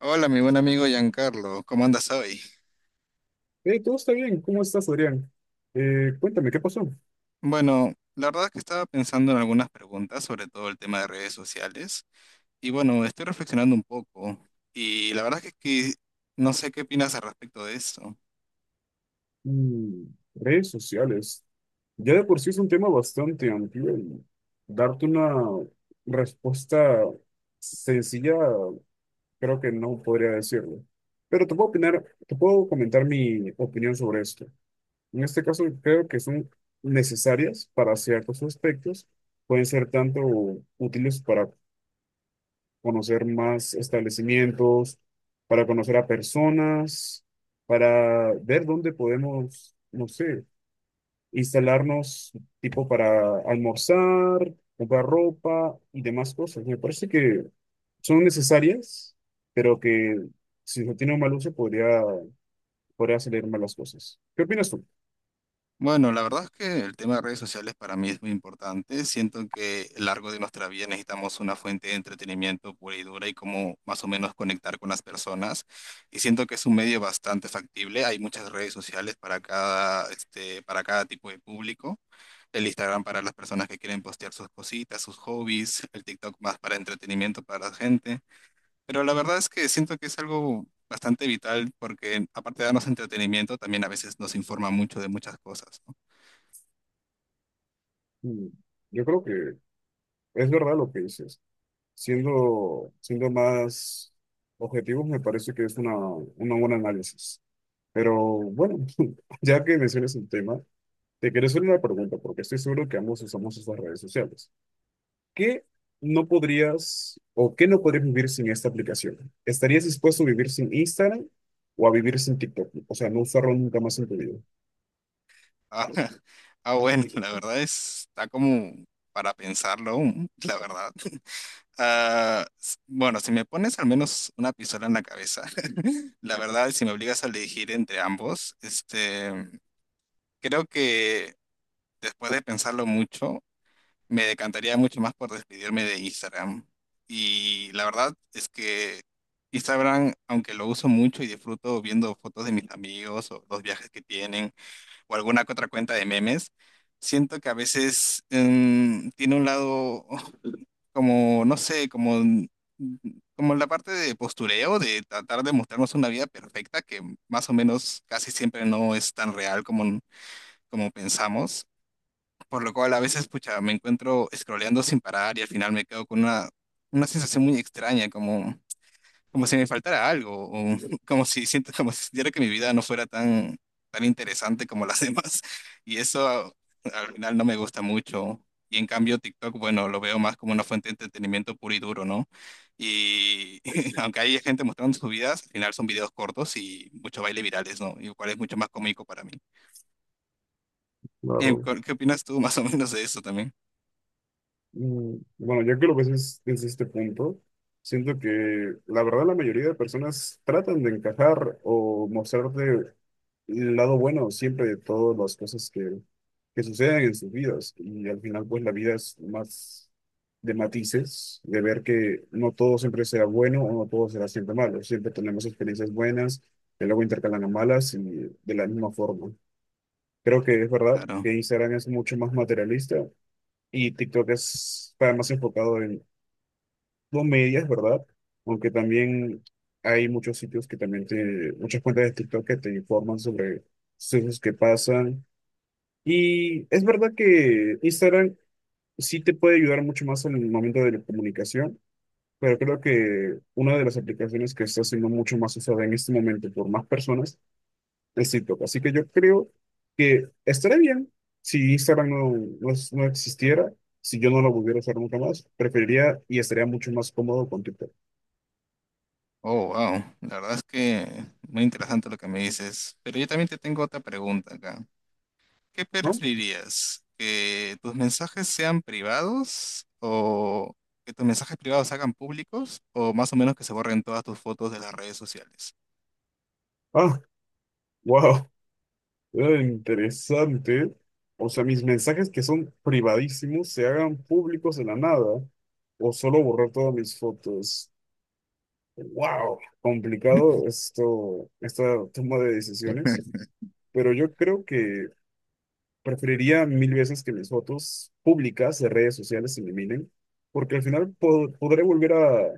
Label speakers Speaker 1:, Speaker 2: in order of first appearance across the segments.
Speaker 1: Hola, mi buen amigo Giancarlo, ¿cómo andas hoy?
Speaker 2: Todo está bien. ¿Cómo estás, Adrián? Cuéntame, ¿qué pasó?
Speaker 1: Bueno, la verdad es que estaba pensando en algunas preguntas, sobre todo el tema de redes sociales, y bueno, estoy reflexionando un poco, y la verdad es que no sé qué opinas al respecto de esto.
Speaker 2: Mm, redes sociales. Ya de por sí es un tema bastante amplio y darte una respuesta sencilla creo que no podría decirlo. Pero te puedo opinar, te puedo comentar mi opinión sobre esto. En este caso creo que son necesarias para ciertos aspectos. Pueden ser tanto útiles para conocer más establecimientos, para conocer a personas, para ver dónde podemos, no sé, instalarnos, tipo para almorzar, comprar ropa y demás cosas. Me parece que son necesarias, pero que si no tiene un mal uso podría salir mal las cosas. ¿Qué opinas tú?
Speaker 1: Bueno, la verdad es que el tema de redes sociales para mí es muy importante. Siento que a lo largo de nuestra vida necesitamos una fuente de entretenimiento pura y dura y cómo más o menos conectar con las personas. Y siento que es un medio bastante factible. Hay muchas redes sociales para cada tipo de público. El Instagram para las personas que quieren postear sus cositas, sus hobbies, el TikTok más para entretenimiento para la gente. Pero la verdad es que siento que es algo bastante vital porque aparte de darnos entretenimiento, también a veces nos informa mucho de muchas cosas, ¿no?
Speaker 2: Mm, Yo creo que es verdad lo que dices. Siendo más objetivos, me parece que es una buena análisis. Pero bueno, ya que mencionas el tema, te quiero hacer una pregunta, porque estoy seguro que ambos usamos estas redes sociales. ¿Qué no podrías o qué no podrías vivir sin esta aplicación? ¿Estarías dispuesto a vivir sin Instagram o a vivir sin TikTok? O sea, no usarlo nunca más en tu vida.
Speaker 1: Ah, ah, bueno, la verdad está como para pensarlo aún, la verdad. Ah, bueno, si me pones al menos una pistola en la cabeza, la verdad, si me obligas a elegir entre ambos, creo que después de pensarlo mucho, me decantaría mucho más por despedirme de Instagram. Y la verdad es que Instagram, aunque lo uso mucho y disfruto viendo fotos de mis amigos o los viajes que tienen, o alguna que otra cuenta de memes, siento que a veces tiene un lado como, no sé, como la parte de postureo, de tratar de mostrarnos una vida perfecta que más o menos casi siempre no es tan real como, como pensamos. Por lo cual a veces, pucha, me encuentro scrolleando sin parar y al final me quedo con una sensación muy extraña, como si me faltara algo, o como si sintiera que mi vida no fuera tan interesante como las demás. Y eso al final no me gusta mucho. Y en cambio TikTok, bueno, lo veo más como una fuente de entretenimiento puro y duro, ¿no? Y aunque hay gente mostrando sus vidas, al final son videos cortos y mucho baile virales, ¿no? Y lo cual es mucho más cómico para mí.
Speaker 2: Claro.
Speaker 1: ¿Qué opinas tú más o menos de eso también?
Speaker 2: Bueno, ya que lo ves, desde este punto, siento que la verdad la mayoría de personas tratan de encajar o mostrarte el lado bueno siempre de todas las cosas que suceden en sus vidas. Y al final, pues la vida es más de matices, de ver que no todo siempre será bueno o no todo será siempre malo. Siempre tenemos experiencias buenas, que luego intercalan a malas y de la misma forma. Creo que es verdad
Speaker 1: Claro.
Speaker 2: que Instagram es mucho más materialista y TikTok es, está más enfocado en comedias, ¿verdad? Aunque también hay muchos sitios que también te, muchas cuentas de TikTok que te informan sobre sucesos que pasan. Y es verdad que Instagram sí te puede ayudar mucho más en el momento de la comunicación, pero creo que una de las aplicaciones que está siendo mucho más usada en este momento por más personas es TikTok. Así que yo creo que estaría bien si Instagram no existiera, si yo no lo volviera a usar nunca más, preferiría y estaría mucho más cómodo con TikTok,
Speaker 1: Oh, wow. La verdad es que muy interesante lo que me dices. Pero yo también te tengo otra pregunta acá. ¿Qué
Speaker 2: ¿no?
Speaker 1: preferirías? ¿Que tus mensajes sean privados o que tus mensajes privados se hagan públicos o más o menos que se borren todas tus fotos de las redes sociales?
Speaker 2: Ah, wow, interesante. O sea, mis mensajes que son privadísimos se hagan públicos de la nada o solo borrar todas mis fotos. Wow, complicado esto, esta toma de decisiones, pero yo creo que preferiría mil veces que mis fotos públicas de redes sociales se eliminen, porque al final podré volver a,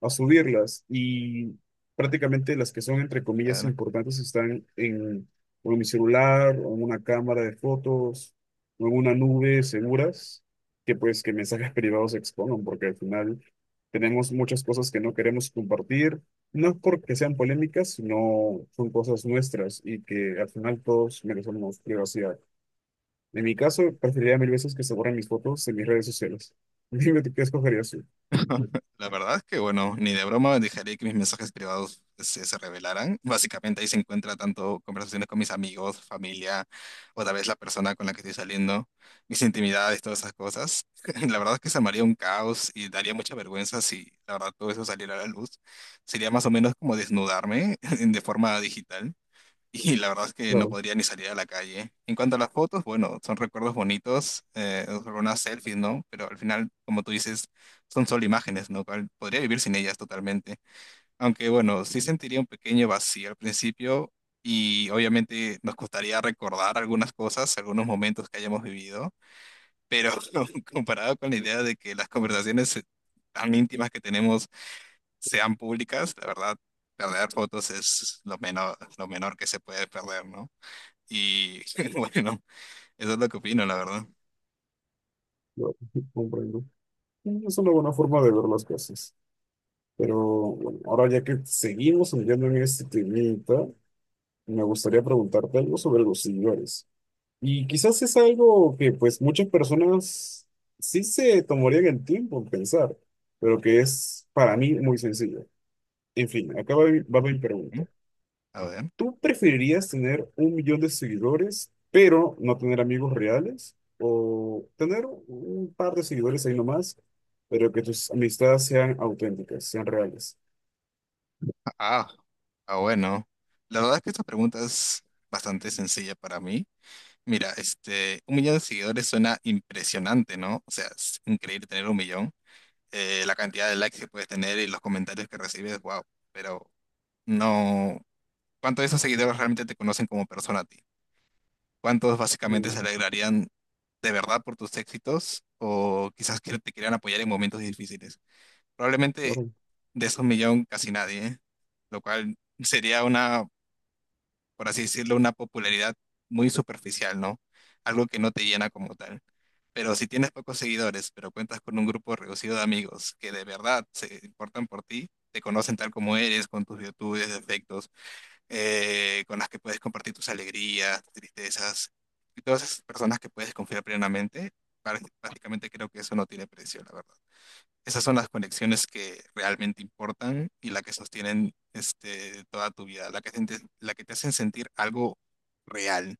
Speaker 2: a subirlas y prácticamente las que son, entre comillas,
Speaker 1: Claro.
Speaker 2: importantes están en, o en mi celular, o en una cámara de fotos, o en una nube seguras, que pues que mensajes privados se expongan, porque al final tenemos muchas cosas que no queremos compartir, no es porque sean polémicas, sino son cosas nuestras y que al final todos merecemos privacidad. En mi caso, preferiría mil veces que se borren mis fotos en mis redes sociales. Dime tú qué escogerías tú.
Speaker 1: La verdad es que, bueno, ni de broma dejaría que mis mensajes privados se revelaran. Básicamente ahí se encuentra tanto conversaciones con mis amigos, familia, o tal vez la persona con la que estoy saliendo, mis intimidades, todas esas cosas. La verdad es que se armaría un caos y daría mucha vergüenza si la verdad todo eso saliera a la luz. Sería más o menos como desnudarme de forma digital. Y la verdad es que no
Speaker 2: Claro,
Speaker 1: podría ni salir a la calle. En cuanto a las fotos, bueno, son recuerdos bonitos, algunas selfies, ¿no? Pero al final, como tú dices, son solo imágenes, ¿no? Cual- Podría vivir sin ellas totalmente. Aunque bueno, sí sentiría un pequeño vacío al principio y obviamente nos costaría recordar algunas cosas, algunos momentos que hayamos vivido, pero comparado con la idea de que las conversaciones tan íntimas que tenemos sean públicas, la verdad, perder fotos es lo menor que se puede perder, ¿no? Y bueno, eso es lo que opino, la verdad.
Speaker 2: claro, comprendo. Es una buena forma de ver las cosas. Pero bueno, ahora ya que seguimos enviando en este temita, me gustaría preguntarte algo sobre los seguidores. Y quizás es algo que pues muchas personas sí se tomarían el tiempo en pensar, pero que es para mí muy sencillo. En fin, acá va, va mi
Speaker 1: ¿Mm?
Speaker 2: pregunta.
Speaker 1: A ver.
Speaker 2: ¿Tú preferirías tener un millón de seguidores, pero no tener amigos reales? ¿O tener un par de seguidores ahí nomás, pero que tus amistades sean auténticas, sean reales?
Speaker 1: Ah, ah, bueno. La verdad es que esta pregunta es bastante sencilla para mí. Mira, un millón de seguidores suena impresionante, ¿no? O sea, es increíble tener un millón. La cantidad de likes que puedes tener y los comentarios que recibes, wow. Pero no, ¿cuántos de esos seguidores realmente te conocen como persona a ti? ¿Cuántos básicamente se
Speaker 2: Mm,
Speaker 1: alegrarían de verdad por tus éxitos o quizás que te quieran apoyar en momentos difíciles? Probablemente
Speaker 2: claro,
Speaker 1: de esos millón casi nadie, ¿eh? Lo cual sería una, por así decirlo, una popularidad muy superficial, ¿no? Algo que no te llena como tal. Pero si tienes pocos seguidores, pero cuentas con un grupo reducido de amigos que de verdad se importan por ti, te conocen tal como eres, con tus virtudes, defectos, con las que puedes compartir tus alegrías, tus tristezas, y todas esas personas que puedes confiar plenamente, prácticamente creo que eso no tiene precio, la verdad. Esas son las conexiones que realmente importan y la que sostienen toda tu vida, la que te hacen sentir algo real.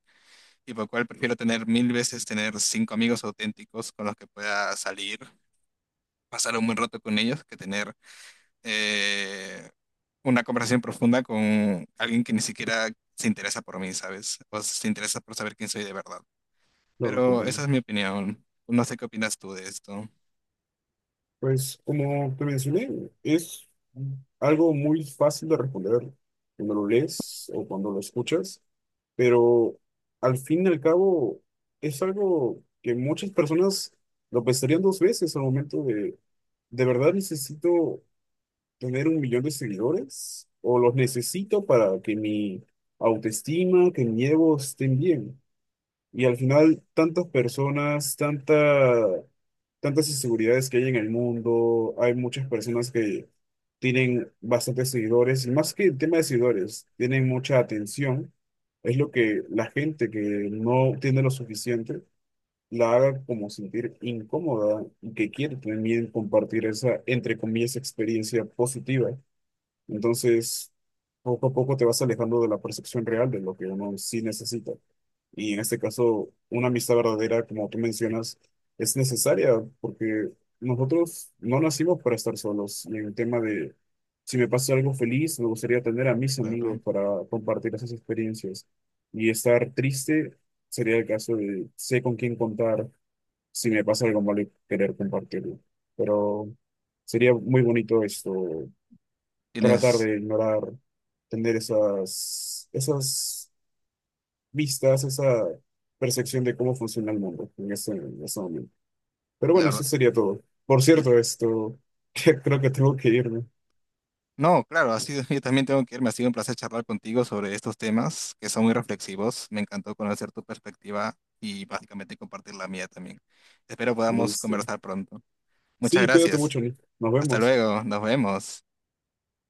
Speaker 1: Y por lo cual prefiero tener mil veces tener cinco amigos auténticos con los que pueda salir, pasar un buen rato con ellos, que tener eh, una conversación profunda con alguien que ni siquiera se interesa por mí, ¿sabes? O se interesa por saber quién soy de verdad.
Speaker 2: claro,
Speaker 1: Pero esa
Speaker 2: comprendo.
Speaker 1: es mi opinión. No sé qué opinas tú de esto.
Speaker 2: Pues como te mencioné, es algo muy fácil de responder cuando lo lees o cuando lo escuchas, pero al fin y al cabo es algo que muchas personas lo pensarían dos veces al momento de ¿De verdad necesito tener un millón de seguidores? ¿O los necesito para que mi autoestima, que mi ego estén bien? Y al final, tantas personas, tantas inseguridades que hay en el mundo, hay muchas personas que tienen bastantes seguidores, y más que el tema de seguidores, tienen mucha atención. Es lo que la gente que no tiene lo suficiente la haga como sentir incómoda y que quiere también compartir esa, entre comillas, experiencia positiva. Entonces, poco a poco te vas alejando de la percepción real de lo que uno sí necesita. Y en este caso, una amistad verdadera, como tú mencionas, es necesaria porque nosotros no nacimos para estar solos. Y en el tema de, si me pasa algo feliz, me gustaría tener a mis amigos
Speaker 1: Claro.
Speaker 2: para compartir esas experiencias. Y estar triste sería el caso de sé con quién contar, si me pasa algo malo y querer compartirlo. Pero sería muy bonito esto, tratar
Speaker 1: Tienes,
Speaker 2: de ignorar, tener esas vistas, esa percepción de cómo funciona el mundo en ese momento. Pero
Speaker 1: la
Speaker 2: bueno,
Speaker 1: verdad,
Speaker 2: eso sería todo. Por cierto, esto, creo que tengo que irme.
Speaker 1: No, claro, yo también tengo que irme. Ha sido un placer charlar contigo sobre estos temas que son muy reflexivos. Me encantó conocer tu perspectiva y básicamente compartir la mía también. Espero podamos
Speaker 2: Listo.
Speaker 1: conversar pronto. Muchas
Speaker 2: Sí, cuídate
Speaker 1: gracias.
Speaker 2: mucho, Nick. Nos
Speaker 1: Hasta
Speaker 2: vemos.
Speaker 1: luego. Nos vemos.